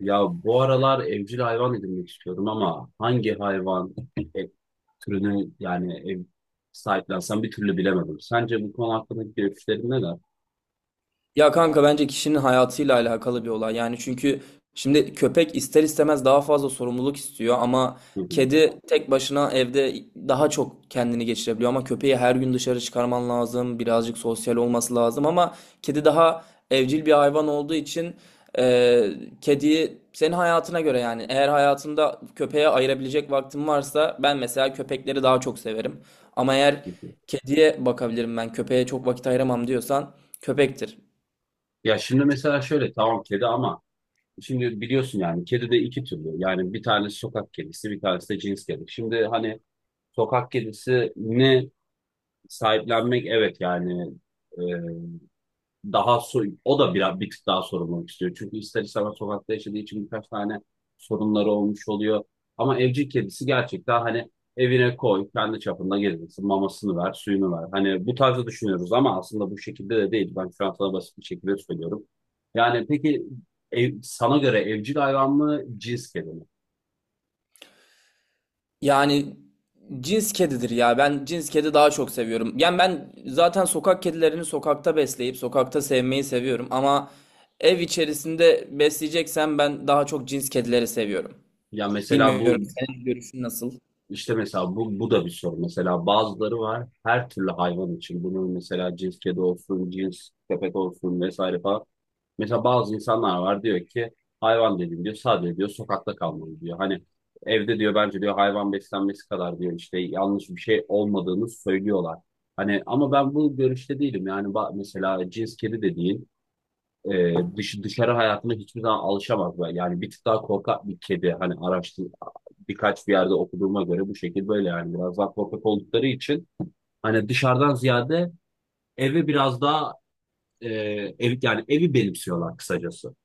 Ya bu aralar evcil hayvan edinmek istiyorum ama hangi hayvan e, türünü yani ev sahiplensem bir türlü bilemedim. Sence bu konu hakkındaki görüşlerin neler? Ya kanka bence kişinin hayatıyla alakalı bir olay. Yani çünkü şimdi köpek ister istemez daha fazla sorumluluk istiyor ama Hı hı, kedi tek başına evde daha çok kendini geçirebiliyor ama köpeği her gün dışarı çıkarman lazım. Birazcık sosyal olması lazım ama kedi daha evcil bir hayvan olduğu için e, kediyi senin hayatına göre yani eğer hayatında köpeğe ayırabilecek vaktin varsa ben mesela köpekleri daha çok severim. Ama eğer hı hı. kediye bakabilirim ben köpeğe çok vakit ayıramam diyorsan köpektir. Ya şimdi mesela şöyle tamam kedi ama şimdi biliyorsun yani kedi de iki türlü. Yani bir tanesi sokak kedisi bir tanesi de cins kedi. Şimdi hani sokak kedisi ne sahiplenmek evet yani, e, daha o da biraz bir tık daha sorumluluk istiyor. Çünkü ister istemez sokakta yaşadığı için birkaç tane sorunları olmuş oluyor. Ama evcil kedisi gerçekten hani evine koy, kendi çapında gezdirsin, mamasını ver, suyunu ver. Hani bu tarzda düşünüyoruz ama aslında bu şekilde de değil. Ben şu an sana basit bir şekilde söylüyorum. Yani peki sana göre evcil hayvan mı, cins kedi mi? Yani cins kedidir ya. Ben cins kedi daha çok seviyorum. Yani ben zaten sokak kedilerini sokakta besleyip sokakta sevmeyi seviyorum. Ama ev içerisinde besleyeceksem ben daha çok cins kedileri seviyorum. Ya mesela Bilmiyorum bu senin görüşün nasıl? İşte mesela bu da bir soru. Mesela bazıları var her türlü hayvan için. Bunun mesela cins kedi olsun, cins köpek olsun vesaire falan. Mesela bazı insanlar var diyor ki hayvan dedim diyor sadece diyor sokakta kalmalı diyor. Hani evde diyor bence diyor hayvan beslenmesi kadar diyor işte yanlış bir şey olmadığını söylüyorlar. Hani ama ben bu görüşte değilim. Yani mesela cins kedi dediğin dışarı hayatına hiçbir zaman alışamaz. Yani bir tık daha korkak bir kedi hani araştır, birkaç bir yerde okuduğuma göre bu şekil böyle yani biraz daha korkak oldukları için hani dışarıdan ziyade eve biraz daha e, yani evi benimsiyorlar kısacası.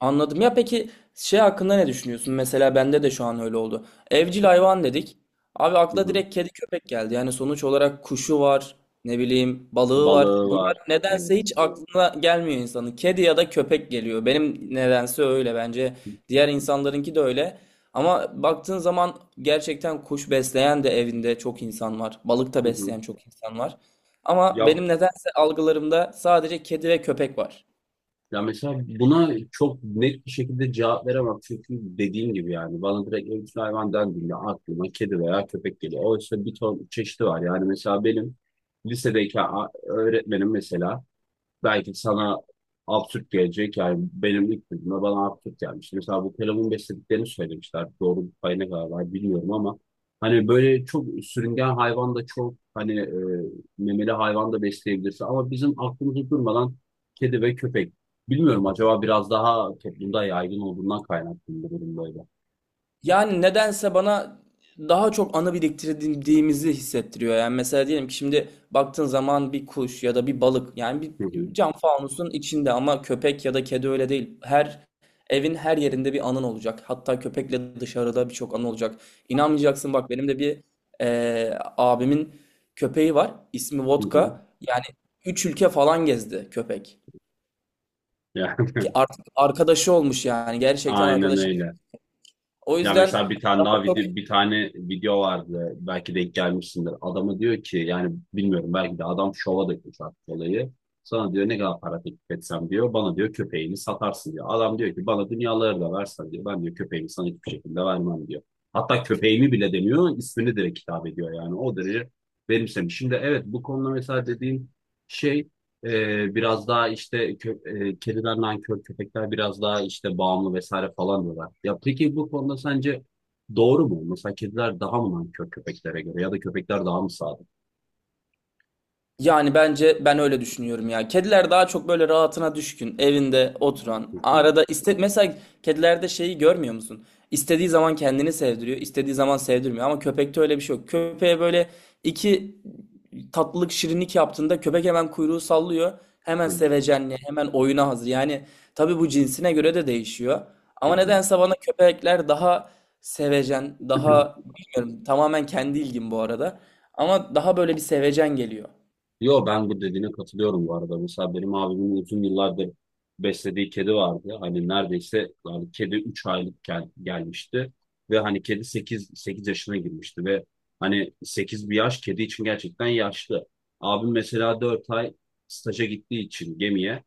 Anladım. Ya peki şey hakkında ne düşünüyorsun? Mesela bende de şu an öyle oldu. Evcil hayvan dedik. Abi Hı akla hı. direkt kedi köpek geldi. Yani sonuç olarak kuşu var, ne bileyim balığı var. Balığı Bunlar var. nedense Evet. hiç aklına gelmiyor insanın. Kedi ya da köpek geliyor. Benim nedense öyle bence. Diğer insanlarınki de öyle. Ama baktığın zaman gerçekten kuş besleyen de evinde çok insan var. Balık da Hı hı. besleyen çok insan var. Ya Ama benim nedense algılarımda sadece kedi ve köpek var. ya mesela buna çok net bir şekilde cevap veremem çünkü dediğim gibi yani bana direkt evcil hayvan dendiğinde aklıma kedi veya köpek geliyor. Oysa bir ton çeşidi var yani mesela benim lisedeyken öğretmenim mesela belki sana absürt gelecek. Yani benim ilk duyduğumda bana absürt gelmişti. Mesela bu kelamun beslediklerini söylemişler. Doğru bir payına kadar var bilmiyorum ama hani böyle çok sürüngen hayvan da çok hani, memeli hayvan da besleyebilirsin. Ama bizim aklımızda durmadan kedi ve köpek. Bilmiyorum acaba biraz daha toplumda yaygın olduğundan kaynaklı mı bu durum böyle. Yani nedense bana daha çok anı biriktirdiğimizi hissettiriyor. Yani mesela diyelim ki şimdi baktığın zaman bir kuş ya da bir balık yani Hı hı, bir cam fanusun içinde ama köpek ya da kedi öyle değil. Her evin her yerinde bir anın olacak. Hatta köpekle dışarıda birçok anı olacak. İnanmayacaksın bak benim de bir abimin köpeği var. İsmi hı hı. Vodka. Yani 3 ülke falan gezdi köpek. Yani Ki artık arkadaşı olmuş yani gerçekten aynen arkadaşı. öyle. O Ya yüzden mesela bir tane daha daha çok video bir tane video vardı belki denk gelmişsindir. Adamı diyor ki yani bilmiyorum belki de adam şova dökmüş artık olayı. Sana diyor ne kadar para teklif etsem diyor. Bana diyor köpeğini satarsın diyor. Adam diyor ki bana dünyaları da versen diyor. Ben diyor köpeğimi sana hiçbir şekilde vermem diyor. Hatta köpeğimi bile demiyor ismini direkt hitap ediyor yani o derece benimsemiş. Şimdi evet bu konuda mesela dediğin şey, biraz daha işte kediler nankör, köpekler biraz daha işte bağımlı vesaire falan diyorlar. Ya peki bu konuda sence doğru mu? Mesela kediler daha mı nankör köpeklere göre ya da köpekler daha mı sadık? Yani bence ben öyle düşünüyorum ya. Kediler daha çok böyle rahatına düşkün, evinde Hı oturan, hı, arada iste mesela kedilerde şeyi görmüyor musun? İstediği zaman kendini sevdiriyor, istediği zaman sevdirmiyor ama köpekte öyle bir şey yok. Köpeğe böyle iki tatlılık şirinlik yaptığında köpek hemen kuyruğu sallıyor. Hemen aynen. sevecenliğe, hemen oyuna hazır. Yani tabii bu cinsine göre de değişiyor. Ama nedense bana köpekler daha sevecen, Hı hı. daha bilmiyorum tamamen kendi ilgim bu arada. Ama daha böyle bir sevecen geliyor. Yo ben bu dediğine katılıyorum bu arada. Mesela benim abimin uzun yıllardır beslediği kedi vardı. Hani neredeyse yani kedi 3 aylık gelmişti ve hani kedi sekiz yaşına girmişti ve hani 8 bir yaş kedi için gerçekten yaşlı. Abim mesela 4 ay staja gittiği için gemiye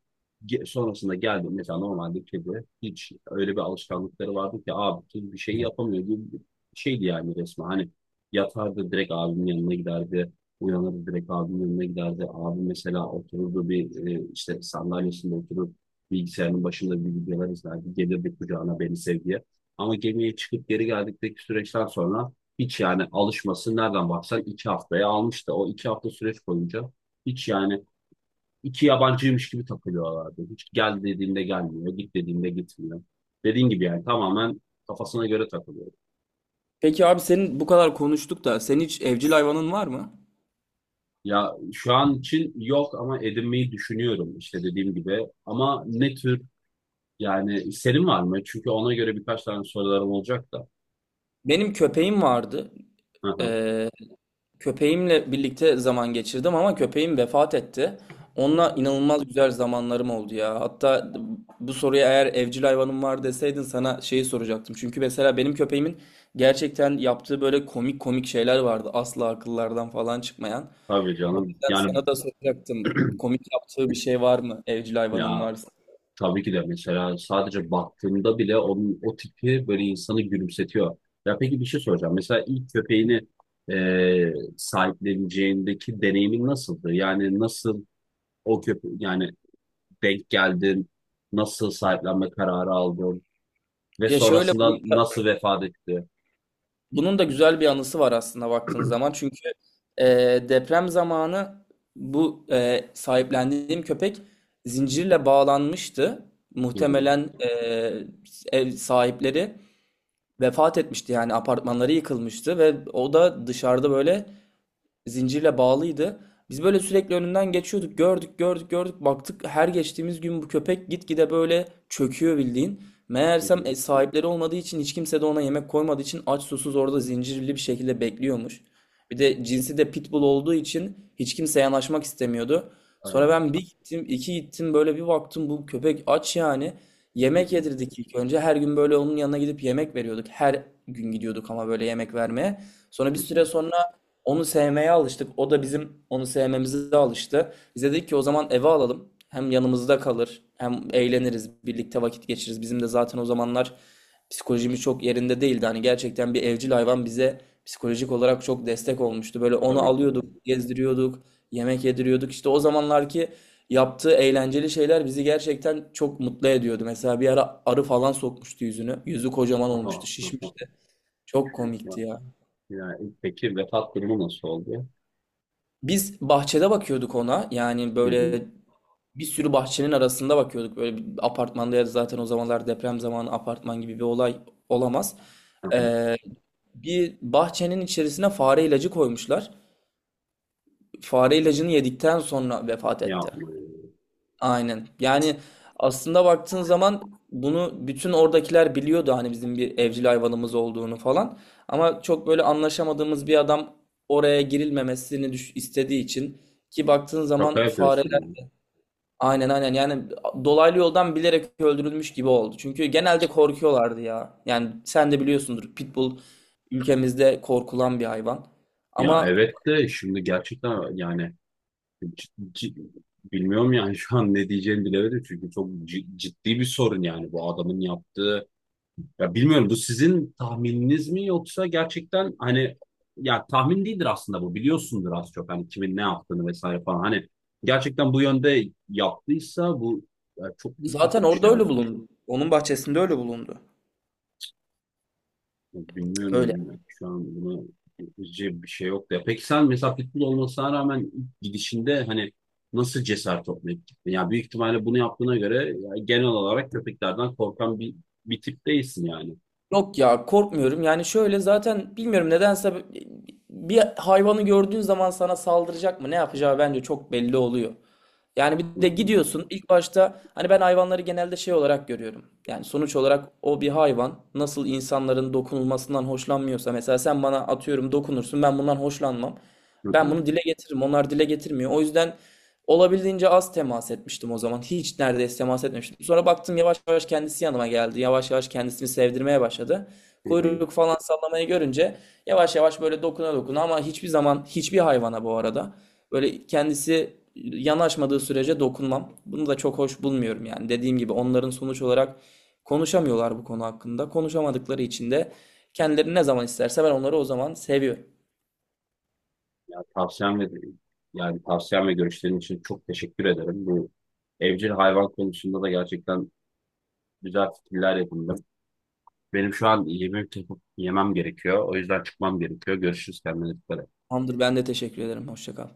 sonrasında geldi mesela normalde kedi hiç öyle bir alışkanlıkları vardı ki abi bir şey yapamıyor gibi bir şeydi yani resmen. Hani yatardı direkt abimin yanına giderdi. Uyanır direkt abimin önüne giderdi. Abi mesela otururdu bir, işte sandalyesinde oturup bilgisayarın başında bir videolar izlerdi. Gelirdi kucağına beni sev diye. Ama gemiye çıkıp geri geldikteki süreçten sonra hiç yani alışması nereden baksan iki haftaya almıştı. O iki hafta süreç boyunca hiç yani iki yabancıymış gibi takılıyorlardı. Hiç gel dediğinde gelmiyor, git dediğinde gitmiyor. Dediğin gibi yani tamamen kafasına göre takılıyor. Peki abi senin bu kadar konuştuk da senin hiç evcil hayvanın var mı? Ya şu an için yok ama edinmeyi düşünüyorum işte dediğim gibi. Ama ne tür yani senin var mı? Çünkü ona göre birkaç tane sorularım olacak da. Benim köpeğim vardı. Hı hı. Ee, köpeğimle birlikte zaman geçirdim ama köpeğim vefat etti. Hı. Onunla inanılmaz güzel zamanlarım oldu ya. Hatta bu soruya eğer evcil hayvanım var deseydin sana şeyi soracaktım. Çünkü mesela benim köpeğimin gerçekten yaptığı böyle komik komik şeyler vardı. Asla akıllardan falan çıkmayan. Tabii O canım. yüzden Yani sana da soracaktım. Komik yaptığı bir şey var mı? Evcil hayvanın ya varsa. tabii ki de mesela sadece baktığımda bile onun o tipi böyle insanı gülümsetiyor. Ya peki bir şey soracağım. Mesela ilk köpeğini sahipleneceğindeki deneyimin nasıldı? Yani nasıl o yani denk geldin? Nasıl sahiplenme kararı aldın? Ve Ya şöyle sonrasında nasıl vefat etti? Bunun da güzel bir anısı var aslında baktığınız zaman. Çünkü e, deprem zamanı bu sahiplendiğim köpek zincirle bağlanmıştı. Hı hı. Muhtemelen ev sahipleri vefat etmişti yani apartmanları yıkılmıştı ve o da dışarıda böyle zincirle bağlıydı. Biz böyle sürekli önünden geçiyorduk. Gördük, gördük, gördük. Baktık her geçtiğimiz gün bu köpek gitgide böyle çöküyor bildiğin. Hı Meğersem hı. sahipleri olmadığı için hiç kimse de ona yemek koymadığı için aç susuz orada zincirli bir şekilde bekliyormuş. Bir de cinsi de pitbull olduğu için hiç kimse yanaşmak istemiyordu. Sonra Aynen. ben bir gittim, iki gittim böyle bir baktım bu köpek aç yani. Hı Yemek hı. yedirdik ilk önce. Her gün böyle onun yanına gidip yemek veriyorduk. Her gün gidiyorduk ama böyle yemek vermeye. Sonra Hı bir süre hı. sonra onu sevmeye alıştık. O da bizim onu sevmemize alıştı. Bize dedik ki o zaman eve alalım. Hem yanımızda kalır, hem eğleniriz, birlikte vakit geçiririz. Bizim de zaten o zamanlar psikolojimiz çok yerinde değildi. Hani gerçekten bir evcil hayvan bize psikolojik olarak çok destek olmuştu. Böyle onu Tabii ki de. alıyorduk, gezdiriyorduk, yemek yediriyorduk. İşte o zamanlarki yaptığı eğlenceli şeyler bizi gerçekten çok mutlu ediyordu. Mesela bir ara arı falan sokmuştu yüzünü. Yüzü kocaman Aha. olmuştu, şişmişti. Çok Ya, komikti ya. ya, peki vefat durumu nasıl oldu? Biz bahçede bakıyorduk ona. Yani Hı hı. böyle bir sürü bahçenin arasında bakıyorduk. Böyle bir apartmanda ya da zaten o zamanlar deprem zamanı apartman gibi bir olay olamaz. Aha. Ee, bir bahçenin içerisine fare ilacı koymuşlar. Fare ilacını yedikten sonra vefat etti. Yapma ya. Aynen. Yani aslında baktığın zaman bunu bütün oradakiler biliyordu hani bizim bir evcil hayvanımız olduğunu falan. Ama çok böyle anlaşamadığımız bir adam oraya girilmemesini istediği için ki baktığın Şaka zaman fare yapıyorsun. Aynen aynen yani dolaylı yoldan bilerek öldürülmüş gibi oldu. Çünkü genelde korkuyorlardı ya. Yani sen de biliyorsundur Pitbull ülkemizde korkulan bir hayvan. Ya ya, Ama evet de şimdi gerçekten yani cid- cid- bilmiyorum yani şu an ne diyeceğimi bilemedim çünkü çok ciddi bir sorun yani bu adamın yaptığı. Ya bilmiyorum bu sizin tahmininiz mi yoksa gerçekten hani, ya tahmin değildir aslında bu biliyorsundur az çok hani kimin ne yaptığını vesaire falan hani gerçekten bu yönde yaptıysa bu ya çok büyük bir zaten suç orada ya. öyle bulundu. Onun bahçesinde öyle bulundu. Ya Öyle. bilmiyorum şu an buna yapıcı bir şey yok ya. Peki sen mesela futbol olmasına rağmen ilk gidişinde hani nasıl cesaret toplayıp gittin? Ya büyük ihtimalle bunu yaptığına göre ya genel olarak köpeklerden korkan bir tip değilsin yani. Yok ya korkmuyorum. Yani şöyle zaten bilmiyorum nedense bir hayvanı gördüğün zaman sana saldıracak mı ne yapacağı bence çok belli oluyor. Yani Hı bir de hı, gidiyorsun ilk başta hani ben hayvanları genelde şey olarak görüyorum. Yani sonuç olarak o bir hayvan nasıl insanların dokunulmasından hoşlanmıyorsa mesela sen bana atıyorum dokunursun ben bundan hoşlanmam. Ben hı bunu dile getiririm onlar dile getirmiyor. O yüzden olabildiğince az temas etmiştim o zaman. Hiç neredeyse temas etmemiştim. Sonra baktım yavaş yavaş kendisi yanıma geldi. Yavaş yavaş kendisini sevdirmeye başladı. hı. Kuyruk falan sallamayı görünce yavaş yavaş böyle dokuna dokuna ama hiçbir zaman hiçbir hayvana bu arada böyle kendisi yanaşmadığı sürece dokunmam. Bunu da çok hoş bulmuyorum yani. Dediğim gibi onların sonuç olarak konuşamıyorlar bu konu hakkında. Konuşamadıkları için de kendileri ne zaman isterse ben onları o zaman seviyorum. Ya tavsiyem ve yani tavsiyem ve görüşlerin için çok teşekkür ederim. Bu evcil hayvan konusunda da gerçekten güzel fikirler edindim. Benim şu an yemek yapıp yemem gerekiyor. O yüzden çıkmam gerekiyor. Görüşürüz kendine dikkat et. Tamamdır ben de teşekkür ederim. Hoşça kal.